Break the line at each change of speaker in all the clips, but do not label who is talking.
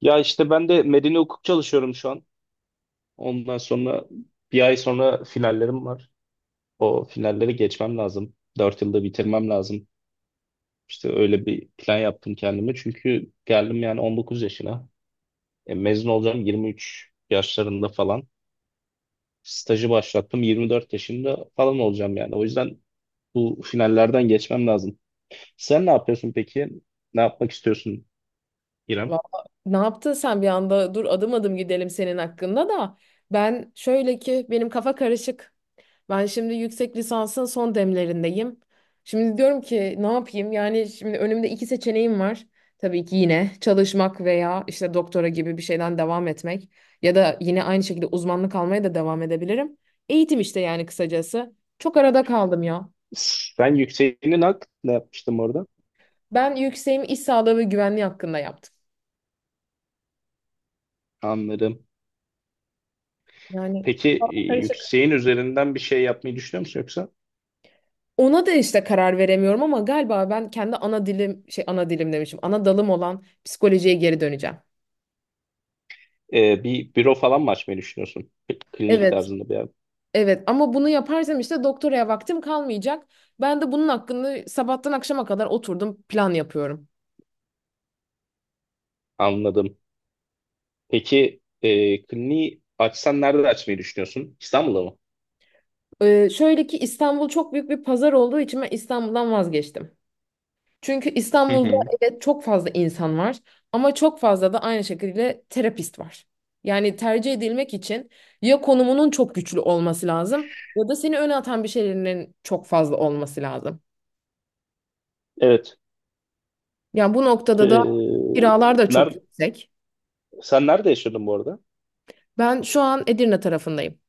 Ya işte ben de medeni hukuk çalışıyorum şu an. Ondan sonra bir ay sonra finallerim var. O finalleri geçmem lazım. 4 yılda bitirmem lazım. İşte öyle bir plan yaptım kendime. Çünkü geldim yani 19 yaşına. Mezun olacağım 23 yaşlarında falan. Stajı başlattım 24 yaşında falan olacağım yani. O yüzden bu finallerden geçmem lazım. Sen ne yapıyorsun peki? Ne yapmak istiyorsun İrem?
Valla ne yaptın sen bir anda? Dur adım adım gidelim senin hakkında da. Ben şöyle ki benim kafa karışık. Ben şimdi yüksek lisansın son demlerindeyim. Şimdi diyorum ki ne yapayım? Yani şimdi önümde iki seçeneğim var. Tabii ki yine çalışmak veya işte doktora gibi bir şeyden devam etmek. Ya da yine aynı şekilde uzmanlık almaya da devam edebilirim. Eğitim işte yani kısacası. Çok arada kaldım ya.
Sen yükseğinin hak ne yapmıştım orada?
Ben yükseğimi iş sağlığı ve güvenliği hakkında yaptım.
Anladım.
Yani
Peki yükseğin üzerinden bir şey yapmayı düşünüyor musun yoksa
ona da işte karar veremiyorum ama galiba ben kendi ana dilim ana dilim demişim. Ana dalım olan psikolojiye geri döneceğim.
bir büro falan mı açmayı düşünüyorsun? Klinik
Evet,
tarzında bir yer.
evet ama bunu yaparsam işte doktoraya vaktim kalmayacak. Ben de bunun hakkında sabahtan akşama kadar oturdum plan yapıyorum.
Anladım. Peki kliniği açsan nerede açmayı düşünüyorsun? İstanbul'da mı?
Şöyle ki İstanbul çok büyük bir pazar olduğu için ben İstanbul'dan vazgeçtim. Çünkü
Hı
İstanbul'da
hı.
evet çok fazla insan var ama çok fazla da aynı şekilde terapist var. Yani tercih edilmek için ya konumunun çok güçlü olması lazım ya da seni öne atan bir şeylerin çok fazla olması lazım.
Evet.
Yani bu noktada da
E,
kiralar da çok
nerede,
yüksek.
sen nerede yaşıyordun bu arada?
Ben şu an Edirne tarafındayım.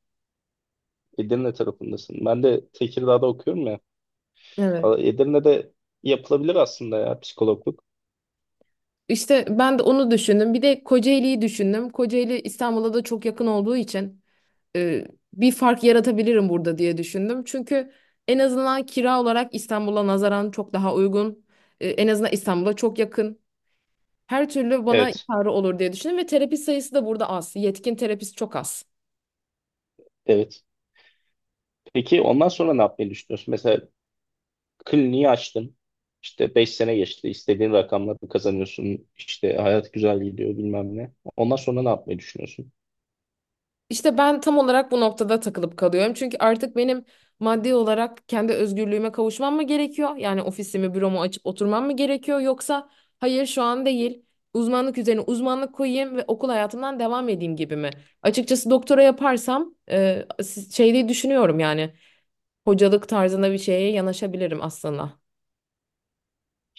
Edirne tarafındasın. Ben de Tekirdağ'da okuyorum ya.
Evet.
Edirne'de yapılabilir aslında ya psikologluk.
İşte ben de onu düşündüm. Bir de Kocaeli'yi düşündüm. Kocaeli İstanbul'a da çok yakın olduğu için e, bir fark yaratabilirim burada diye düşündüm. Çünkü en azından kira olarak İstanbul'a nazaran çok daha uygun. E, en azından İstanbul'a çok yakın. Her türlü bana
Evet.
yararı olur diye düşündüm ve terapi sayısı da burada az. Yetkin terapist çok az.
Evet. Peki ondan sonra ne yapmayı düşünüyorsun? Mesela kliniği açtın. İşte 5 sene geçti. İstediğin rakamları kazanıyorsun. İşte hayat güzel gidiyor bilmem ne. Ondan sonra ne yapmayı düşünüyorsun?
İşte ben tam olarak bu noktada takılıp kalıyorum. Çünkü artık benim maddi olarak kendi özgürlüğüme kavuşmam mı gerekiyor? Yani ofisimi, büromu açıp oturmam mı gerekiyor? Yoksa hayır şu an değil. Uzmanlık üzerine uzmanlık koyayım ve okul hayatımdan devam edeyim gibi mi? Açıkçası doktora yaparsam diye düşünüyorum yani hocalık tarzında bir şeye yanaşabilirim aslında.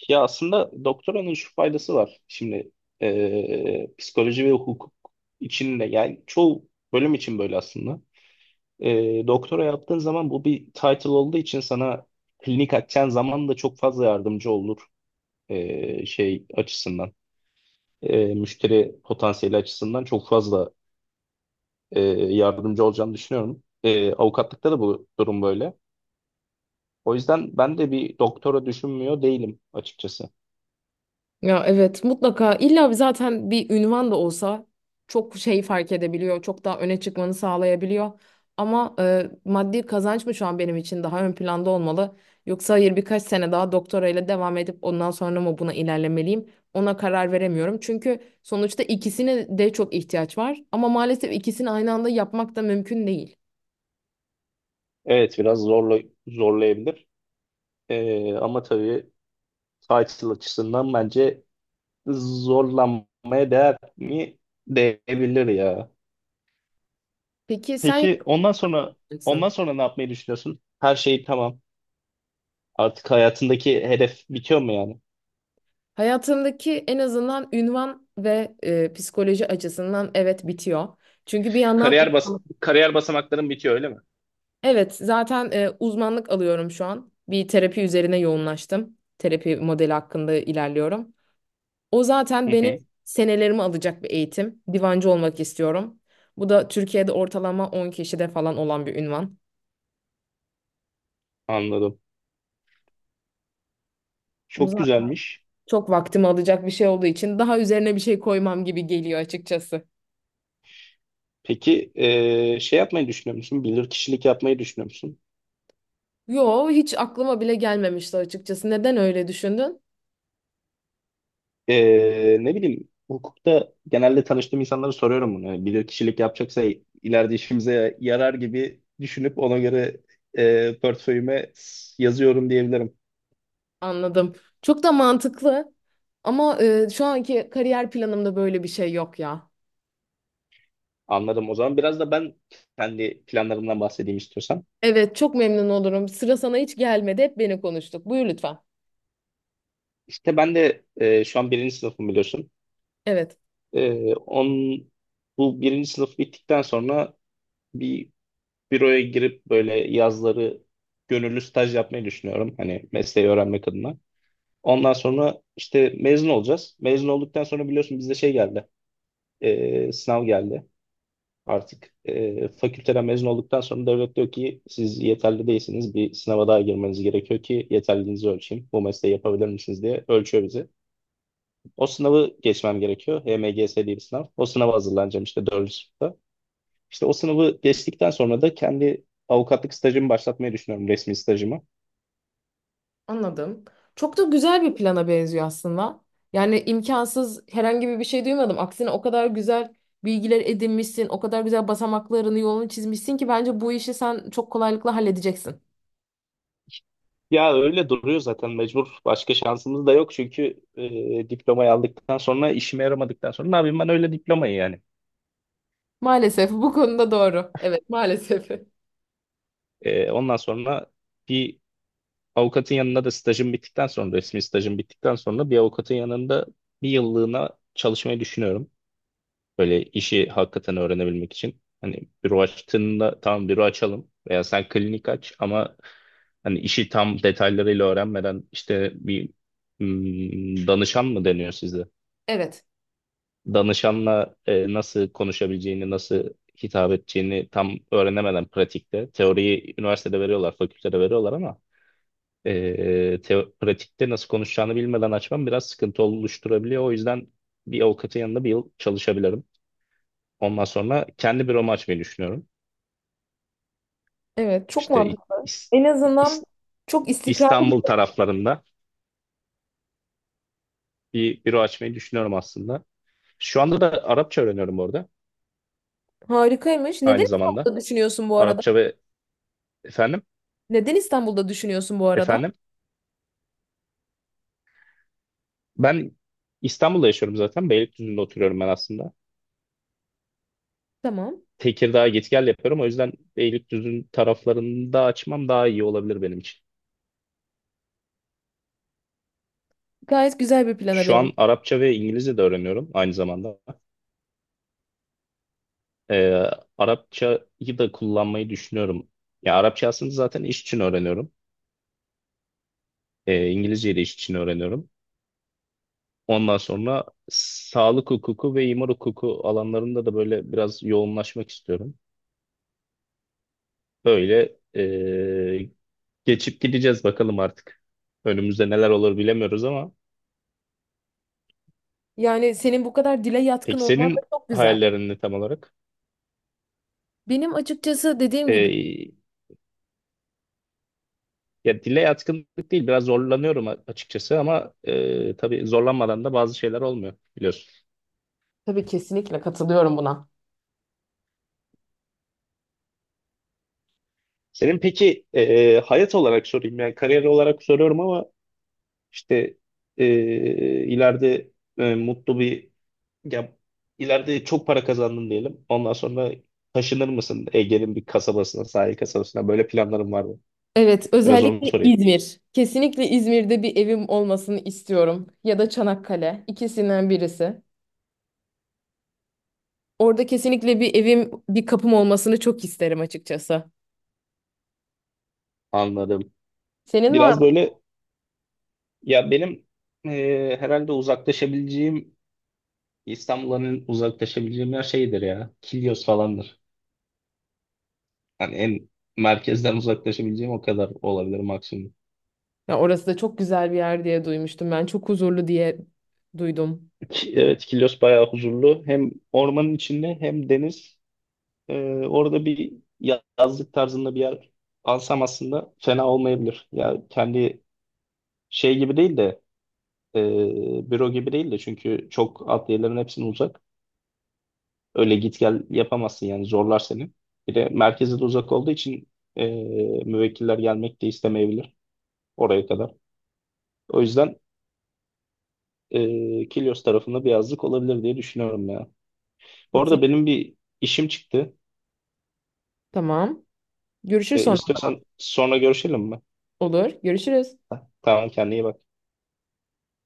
Ya aslında doktoranın şu faydası var. Şimdi psikoloji ve hukuk için de yani çoğu bölüm için böyle aslında. Doktora yaptığın zaman bu bir title olduğu için sana klinik açacağın zaman da çok fazla yardımcı olur. Şey açısından. Müşteri potansiyeli açısından çok fazla e, yardımcı olacağını düşünüyorum. Avukatlıkta da bu durum böyle. O yüzden ben de bir doktora düşünmüyor değilim açıkçası.
Ya evet mutlaka illa bir zaten bir ünvan da olsa çok şey fark edebiliyor. Çok daha öne çıkmanı sağlayabiliyor. Ama maddi kazanç mı şu an benim için daha ön planda olmalı? Yoksa hayır birkaç sene daha doktorayla devam edip ondan sonra mı buna ilerlemeliyim? Ona karar veremiyorum. Çünkü sonuçta ikisine de çok ihtiyaç var. Ama maalesef ikisini aynı anda yapmak da mümkün değil.
Evet, biraz zorlayabilir. Ama tabii title açısından bence zorlanmaya değer mi? Değebilir ya.
Peki sen
Peki ondan sonra
yapacaksın.
ondan sonra ne yapmayı düşünüyorsun? Her şey tamam. Artık hayatındaki hedef bitiyor mu yani?
Hayatındaki en azından ünvan ve psikoloji açısından evet bitiyor. Çünkü bir yandan
Kariyer basamakların bitiyor öyle mi?
evet, zaten uzmanlık alıyorum şu an. Bir terapi üzerine yoğunlaştım. Terapi modeli hakkında ilerliyorum. O zaten
Hı
benim
hı,
senelerimi alacak bir eğitim. Divancı olmak istiyorum. Bu da Türkiye'de ortalama 10 kişide falan olan bir ünvan.
anladım.
Bu
Çok
zaten
güzelmiş.
çok vaktimi alacak bir şey olduğu için daha üzerine bir şey koymam gibi geliyor açıkçası.
Peki şey yapmayı düşünüyor musun? Bilir kişilik yapmayı düşünüyor musun?
Yo hiç aklıma bile gelmemişti açıkçası. Neden öyle düşündün?
Ne bileyim, hukukta genelde tanıştığım insanlara soruyorum bunu. Bilir kişilik yapacaksa ileride işimize yarar gibi düşünüp ona göre portföyüme yazıyorum diyebilirim.
Anladım. Çok da mantıklı. Ama şu anki kariyer planımda böyle bir şey yok ya.
Anladım. O zaman biraz da ben kendi planlarımdan bahsedeyim istiyorsan.
Evet, çok memnun olurum. Sıra sana hiç gelmedi. Hep beni konuştuk. Buyur lütfen.
İşte ben de şu an birinci sınıfım biliyorsun.
Evet.
Eee on, Bu birinci sınıf bittikten sonra bir büroya girip böyle yazları gönüllü staj yapmayı düşünüyorum. Hani mesleği öğrenmek adına. Ondan sonra işte mezun olacağız. Mezun olduktan sonra biliyorsun bizde şey geldi. Sınav geldi artık. Fakülteden mezun olduktan sonra devlet diyor ki siz yeterli değilsiniz. Bir sınava daha girmeniz gerekiyor ki yeterliliğinizi ölçeyim. Bu mesleği yapabilir misiniz diye ölçüyor bizi. O sınavı geçmem gerekiyor. HMGS diye bir sınav. O sınava hazırlanacağım işte 4. İşte o sınavı geçtikten sonra da kendi avukatlık stajımı başlatmayı düşünüyorum, resmi stajımı.
Anladım. Çok da güzel bir plana benziyor aslında. Yani imkansız herhangi bir şey duymadım. Aksine o kadar güzel bilgiler edinmişsin, o kadar güzel basamaklarını, yolunu çizmişsin ki bence bu işi sen çok kolaylıkla halledeceksin.
Ya öyle duruyor zaten, mecbur. Başka şansımız da yok çünkü diplomayı aldıktan sonra işime yaramadıktan sonra ne yapayım ben öyle diplomayı yani.
Maalesef bu konuda doğru. Evet, maalesef.
Ondan sonra bir avukatın yanında da stajım bittikten sonra, resmi stajım bittikten sonra bir avukatın yanında bir yıllığına çalışmayı düşünüyorum. Böyle işi hakikaten öğrenebilmek için. Hani büro açtığında tamam büro açalım veya sen klinik aç ama hani işi tam detaylarıyla öğrenmeden işte bir danışan mı deniyor size?
Evet.
Danışanla nasıl konuşabileceğini, nasıl hitap edeceğini tam öğrenemeden pratikte. Teoriyi üniversitede veriyorlar, fakültede veriyorlar ama pratikte nasıl konuşacağını bilmeden açmam biraz sıkıntı oluşturabiliyor. O yüzden bir avukatın yanında bir yıl çalışabilirim. Ondan sonra kendi bir açmayı düşünüyorum.
Evet, çok
İşte
mantıklı. En azından
İs-
çok istikrarlı bir
İstanbul
şey.
taraflarında bir büro açmayı düşünüyorum aslında. Şu anda da Arapça öğreniyorum orada
Harikaymış. Neden
aynı zamanda.
İstanbul'da düşünüyorsun bu arada?
Arapça ve Efendim?
Neden İstanbul'da düşünüyorsun bu arada?
Efendim? Ben İstanbul'da yaşıyorum zaten. Beylikdüzü'nde oturuyorum ben aslında.
Tamam.
Tekirdağ'a git gel yapıyorum. O yüzden Beylikdüzü'nün taraflarında açmam daha iyi olabilir benim için.
Gayet güzel bir plana
Şu
benziyor.
an Arapça ve İngilizce de öğreniyorum aynı zamanda. Ee, Arapçayı da kullanmayı düşünüyorum. Ya Arapça aslında zaten iş için öğreniyorum. İngilizceyi de iş için öğreniyorum. Ondan sonra sağlık hukuku ve imar hukuku alanlarında da böyle biraz yoğunlaşmak istiyorum. Böyle geçip gideceğiz bakalım artık. Önümüzde neler olur bilemiyoruz ama.
Yani senin bu kadar dile yatkın
Peki
olman da
senin
çok güzel.
hayallerin ne tam olarak?
Benim açıkçası dediğim gibi
Ee, Ya dile yatkınlık değil, biraz zorlanıyorum açıkçası, ama tabii zorlanmadan da bazı şeyler olmuyor biliyorsun.
tabii kesinlikle katılıyorum buna.
Senin peki hayat olarak sorayım, yani kariyer olarak soruyorum ama işte e, ileride e, mutlu bir ya ileride çok para kazandın diyelim. Ondan sonra taşınır mısın Ege'nin bir kasabasına, sahil kasabasına? Böyle planların var mı?
Evet,
Biraz onu
özellikle
sorayım.
İzmir. Kesinlikle İzmir'de bir evim olmasını istiyorum. Ya da Çanakkale, ikisinden birisi. Orada kesinlikle bir evim, bir kapım olmasını çok isterim açıkçası.
Anladım.
Senin var
Biraz böyle ya benim herhalde uzaklaşabileceğim, İstanbul'un uzaklaşabileceğim yer şeydir ya. Kilyos falandır. Hani en merkezden uzaklaşabileceğim o kadar olabilir maksimum.
ya orası da çok güzel bir yer diye duymuştum ben. Çok huzurlu diye duydum.
Evet, Kilyos bayağı huzurlu. Hem ormanın içinde hem deniz. Ee, Orada bir yazlık tarzında bir yer alsam aslında fena olmayabilir. Ya kendi şey gibi değil de büro gibi değil de, çünkü çok adliyelerin hepsine uzak. Öyle git gel yapamazsın yani, zorlar seni. Bir de merkeze de uzak olduğu için e, müvekkiller gelmek de istemeyebilir oraya kadar. O yüzden Kilyos tarafında bir yazlık olabilir diye düşünüyorum ya. Bu
Kesin.
arada benim bir işim çıktı.
Tamam. Görüşür sonra.
İstiyorsan sonra görüşelim mi?
Olur. Görüşürüz.
Ha, tamam, kendine iyi bak.